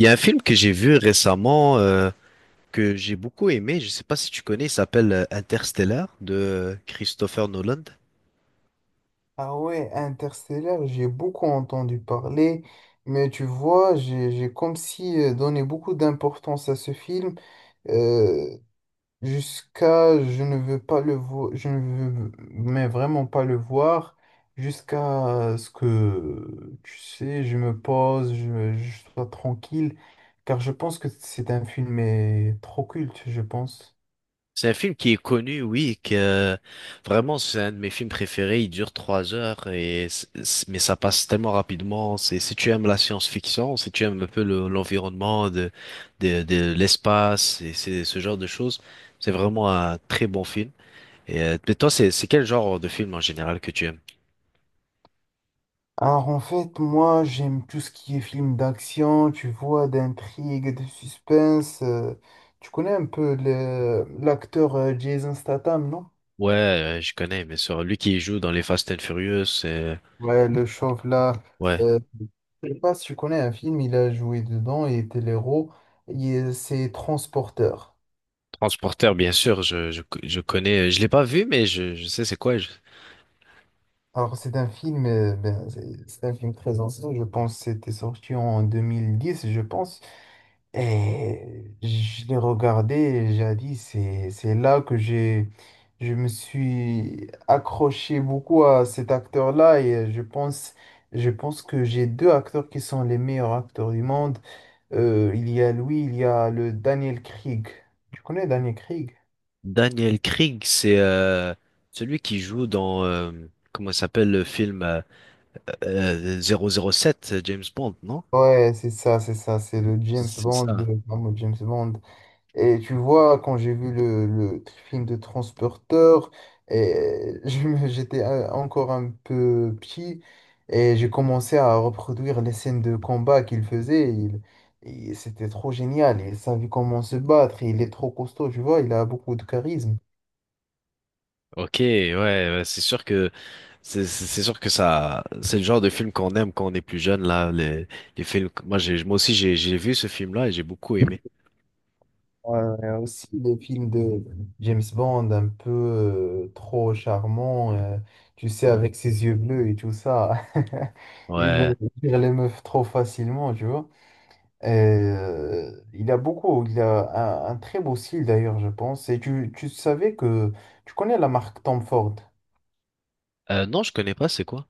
Il y a un film que j'ai vu récemment que j'ai beaucoup aimé, je ne sais pas si tu connais, il s'appelle Interstellar de Christopher Nolan. Ah ouais, Interstellar, j'ai beaucoup entendu parler, mais tu vois, j'ai comme si donné beaucoup d'importance à ce film euh, jusqu'à je ne veux pas le voir, je ne veux mais vraiment pas le voir, jusqu'à ce que, tu sais, je me pose, je sois tranquille, car je pense que c'est un film mais trop culte, je pense. C'est un film qui est connu, oui, que vraiment c'est un de mes films préférés. Il dure trois heures et mais ça passe tellement rapidement. C'est si tu aimes la science-fiction, si tu aimes un peu l'environnement de de l'espace et c'est ce genre de choses, c'est vraiment un très bon film. Et mais toi, c'est quel genre de film en général que tu aimes? Alors en fait, moi j'aime tout ce qui est film d'action, tu vois, d'intrigue, de suspense. Tu connais un peu l'acteur Jason Statham, non? Ouais, je connais, bien sûr. Lui qui joue dans les Fast and Furious, Ouais, le chauve là. ouais. Euh, je sais pas si tu connais un film, il a joué dedans, il était l'héros. C'est Transporteur. Transporteur, bien sûr, je connais. Je l'ai pas vu, mais je sais c'est quoi. Je- Alors c'est un film, c'est un film très ancien, je pense que c'était sorti en 2010, je pense. Et je l'ai regardé et j'ai dit, c'est là que je me suis accroché beaucoup à cet acteur-là et je pense que j'ai deux acteurs qui sont les meilleurs acteurs du monde. Il y a lui, il y a le Daniel Craig. Tu connais Daniel Craig? Daniel Craig, c'est celui qui joue dans, comment ça s'appelle le film 007, James Bond, non? Ouais, c'est ça, c'est ça, c'est le James C'est Bond, ça. le fameux James Bond. Et tu vois, quand j'ai vu le film de Transporteur, et j'étais encore un peu petit et j'ai commencé à reproduire les scènes de combat qu'il faisait. Et c'était trop génial. Il savait comment se battre. Il est trop costaud, tu vois. Il a beaucoup de charisme. Ok, ouais, ouais, c'est sûr que c'est sûr que ça c'est le genre de film qu'on aime quand on est plus jeune là les films moi j'ai moi aussi j'ai vu ce film là et j'ai beaucoup aimé. Aussi les films de James Bond, un peu trop charmant, tu sais, avec ses yeux bleus et tout ça. Il Ouais. Tire les meufs trop facilement, tu vois. Il a beaucoup, il a un très beau style d'ailleurs, je pense. Et tu savais que tu connais la marque Tom Ford. Non, je connais pas, c'est quoi?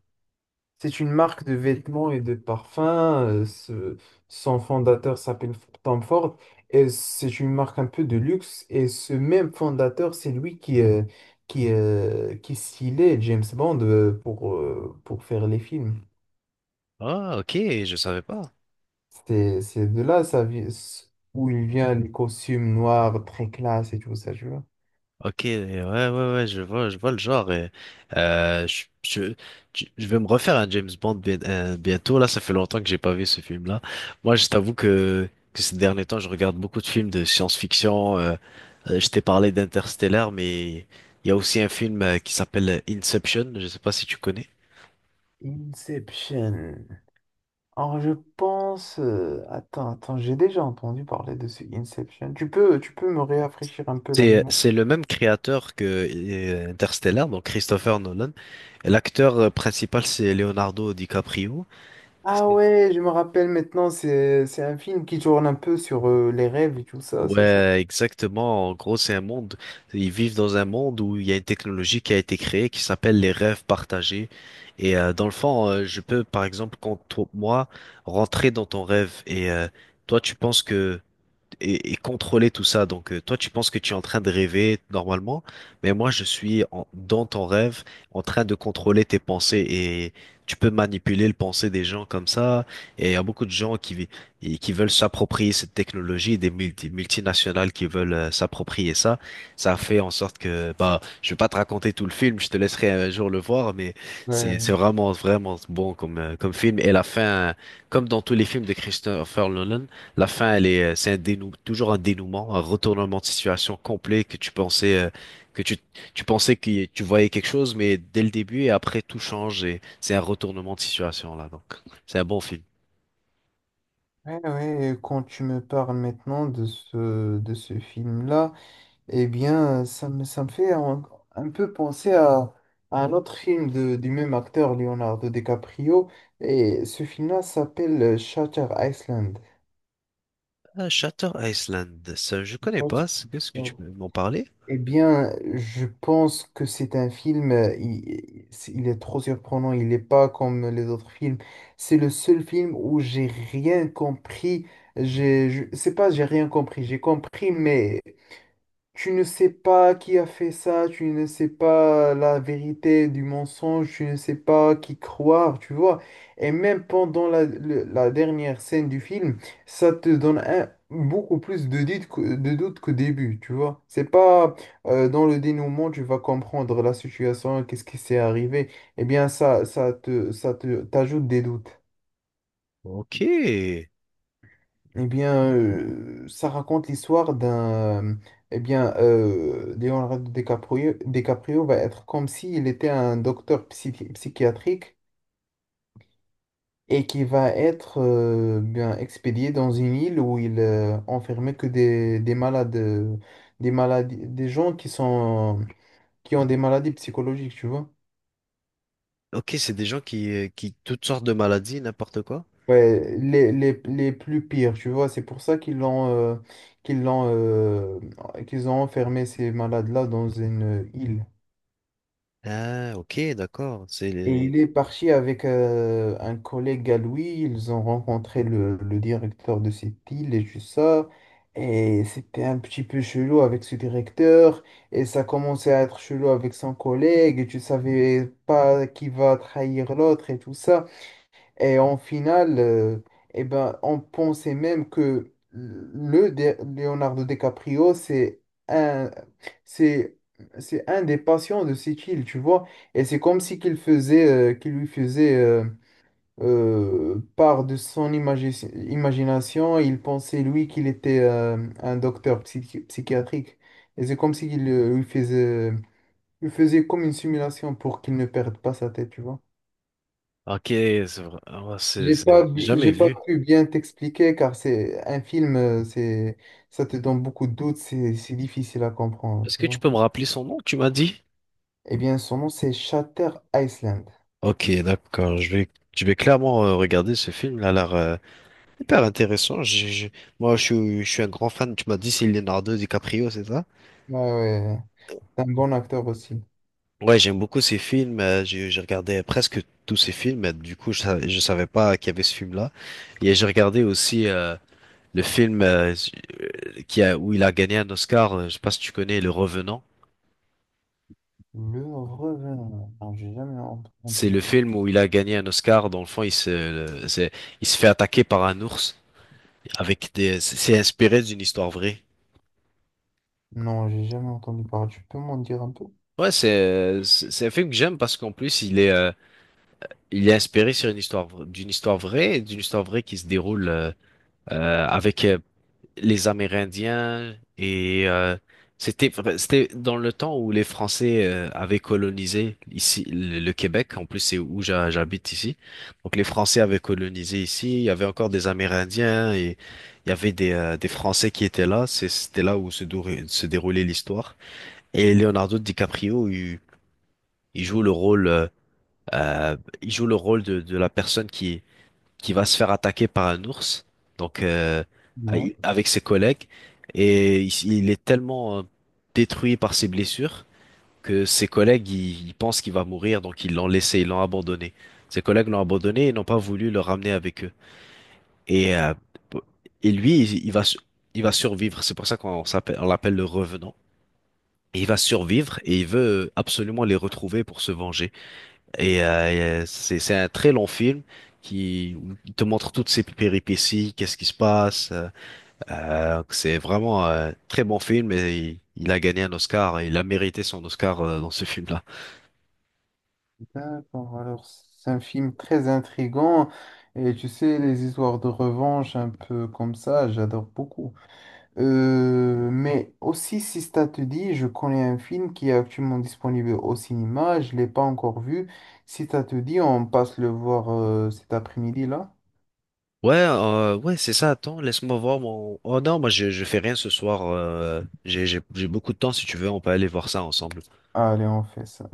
C'est une marque de vêtements et de parfums. Son fondateur Tom Ford, et c'est une marque un peu de luxe. Et ce même fondateur, c'est lui qui stylait James Bond pour faire les films. Ah, ok, je savais pas. C'est de là ça, où il vient les costumes noirs très classe et tout ça, tu vois. Ok, ouais, ouais, ouais, je vois le genre. Et, euh, je, je, je vais me refaire un James Bond bientôt. Là, ça fait longtemps que j'ai pas vu ce film-là. Moi, je t'avoue que ces derniers temps, je regarde beaucoup de films de science-fiction. Je t'ai parlé d'Interstellar, mais il y a aussi un film qui s'appelle Inception. Je sais pas si tu connais. Inception. Alors je pense... Attends, attends, j'ai déjà entendu parler de ce Inception. Tu peux me rafraîchir un peu la mémoire? C'est le même créateur que Interstellar, donc Christopher Nolan. Et l'acteur principal, c'est Leonardo DiCaprio. Ah C'est- ouais, je me rappelle maintenant, c'est un film qui tourne un peu sur les rêves et tout ça, c'est ça? Ouais, exactement. En gros, c'est un monde. Ils vivent dans un monde où il y a une technologie qui a été créée qui s'appelle les rêves partagés. Et dans le fond, je peux, par exemple, moi, rentrer dans ton rêve et toi, tu penses que et contrôler tout ça. Donc, toi, tu penses que tu es en train de rêver normalement, mais moi, dans ton rêve, en train de contrôler tes pensées et tu peux manipuler le pensée des gens comme ça. Et il y a beaucoup de gens et qui veulent s'approprier cette technologie, des multinationales qui veulent s'approprier ça. Ça fait en sorte que, bah, je vais pas te raconter tout le film, je te laisserai un jour le voir, mais c'est Ouais. vraiment, vraiment bon comme, comme film. Et la fin, comme dans tous les films de Christopher Nolan, la fin, elle est, toujours un dénouement, un retournement de situation complet que tu pensais, que tu, tu pensais que tu voyais quelque chose, mais dès le début et après tout change et c'est un retournement de situation là. Donc, c'est un bon film. Ouais, ouais, et quand tu me parles maintenant de ce film-là, eh bien, ça me fait un peu penser à un autre film de, du même acteur, Leonardo DiCaprio, et ce film-là s'appelle Shutter Island. Shutter Island, ça, je connais pense- pas. Est-ce que tu peux m'en parler? Eh bien, je pense que c'est un film, il est trop surprenant, il n'est pas comme les autres films. C'est le seul film où j'ai rien compris. C'est pas j'ai rien compris, j'ai compris, mais tu ne sais pas qui a fait ça, tu ne sais pas la vérité du mensonge, tu ne sais pas qui croire, tu vois. Et même pendant la dernière scène du film, ça te donne beaucoup plus de doutes de doutes qu'au début, tu vois. C'est pas dans le dénouement, tu vas comprendre la situation, qu'est-ce qui s'est arrivé. Eh bien, ça te t'ajoute des doutes. Ok, Eh bien, ça raconte l'histoire d'un... Eh bien, DiCaprio va être comme s'il était un docteur psychiatrique et qui va être bien expédié dans une île où il enfermait que des malades, des maladies, des gens qui sont, qui ont des maladies psychologiques, tu vois. ok, c'est des gens qui toutes sortes de maladies, n'importe quoi. Ouais, les plus pires, tu vois. C'est pour ça qu'ils l'ont euh, qu'ils ont enfermé ces malades-là dans une île. Ah, ok, d'accord. C'est Et il les- est parti avec un collègue à lui, ils ont rencontré le directeur de cette île et tout ça, et c'était un petit peu chelou avec ce directeur, et ça commençait à être chelou avec son collègue, et tu savais pas qui va trahir l'autre et tout ça. Et en finale, on pensait même que Leonardo DiCaprio, c'est un, c'est, c'est un des patients de cette île, tu vois. Et c'est comme si qu'il lui faisait part de son imagination. Il pensait, lui, qu'il était un docteur psychiatrique. Et c'est comme si qu'il lui faisait comme une simulation pour qu'il ne perde pas sa tête, tu vois. Ok, c'est vrai. Oh, c'est- j'ai jamais J'ai pas vu. pu bien t'expliquer car c'est un film, ça te donne beaucoup de doutes, c'est difficile à comprendre, Est-ce tu que tu vois. peux me rappeler son nom, tu m'as dit? Eh bien, son nom, c'est Shatter Island. Ok, d'accord. Je vais clairement regarder ce film. Il a l'air hyper intéressant. Moi, je suis un grand fan. Tu m'as dit c'est Leonardo DiCaprio, c'est ça? Ouais, ouais, ouais. C'est un bon acteur aussi. Ouais, j'aime beaucoup ces films. J'ai regardé presque tous ces films. Du coup, je savais pas qu'il y avait ce film-là. Et j'ai regardé aussi le film qui a, où il a gagné un Oscar. Je sais pas si tu connais, Le Revenant. Le Revenant. Non, j'ai jamais C'est entendu. le film où il a gagné un Oscar. Dans le fond, c'est- il se fait attaquer par un ours avec des, c'est inspiré d'une histoire vraie. Non, j'ai jamais entendu parler. Tu peux m'en dire un peu? Ouais, c'est un film que j'aime parce qu'en plus, il est inspiré sur une histoire, d'une histoire vraie, et d'une histoire vraie qui se déroule avec les Amérindiens et c'était c'était dans le temps où les Français avaient colonisé ici le Québec. En plus, c'est où j'habite ici. Donc les Français avaient colonisé ici. Il y avait encore des Amérindiens et il y avait des Français qui étaient là. C'est- C'était là où se déroulait l'histoire. Et Leonardo DiCaprio, il joue le rôle euh, il joue le rôle de la personne qui va se faire attaquer par un ours, donc Ouais. avec ses collègues, et il est tellement détruit par ses blessures que ses collègues ils pensent qu'il va mourir, donc ils l'ont laissé, ils l'ont abandonné. Ses collègues l'ont abandonné et n'ont pas voulu le ramener avec eux. Et, euh, et lui, il va survivre. C'est pour ça qu'on s'appelle, on l'appelle le revenant. Et il va survivre et il veut absolument les retrouver pour se venger. Et c'est un très long film qui te montre toutes ces péripéties, qu'est-ce qui se passe. C'est vraiment un très bon film et il a gagné un Oscar et il a mérité son Oscar dans ce film-là. D'accord. Alors, c'est un film très intrigant. Et tu sais, les histoires de revanche un peu comme ça, j'adore beaucoup. Mais aussi, si ça te dit, je connais un film qui est actuellement disponible au cinéma, je ne l'ai pas encore vu. Si ça te dit, on passe le voir cet après-midi là. Ouais, ouais, c'est ça. Attends, laisse-moi voir mon. Oh non, moi je fais rien ce soir. J'ai beaucoup de temps. Si tu veux, on peut aller voir ça ensemble. Allez, on fait ça.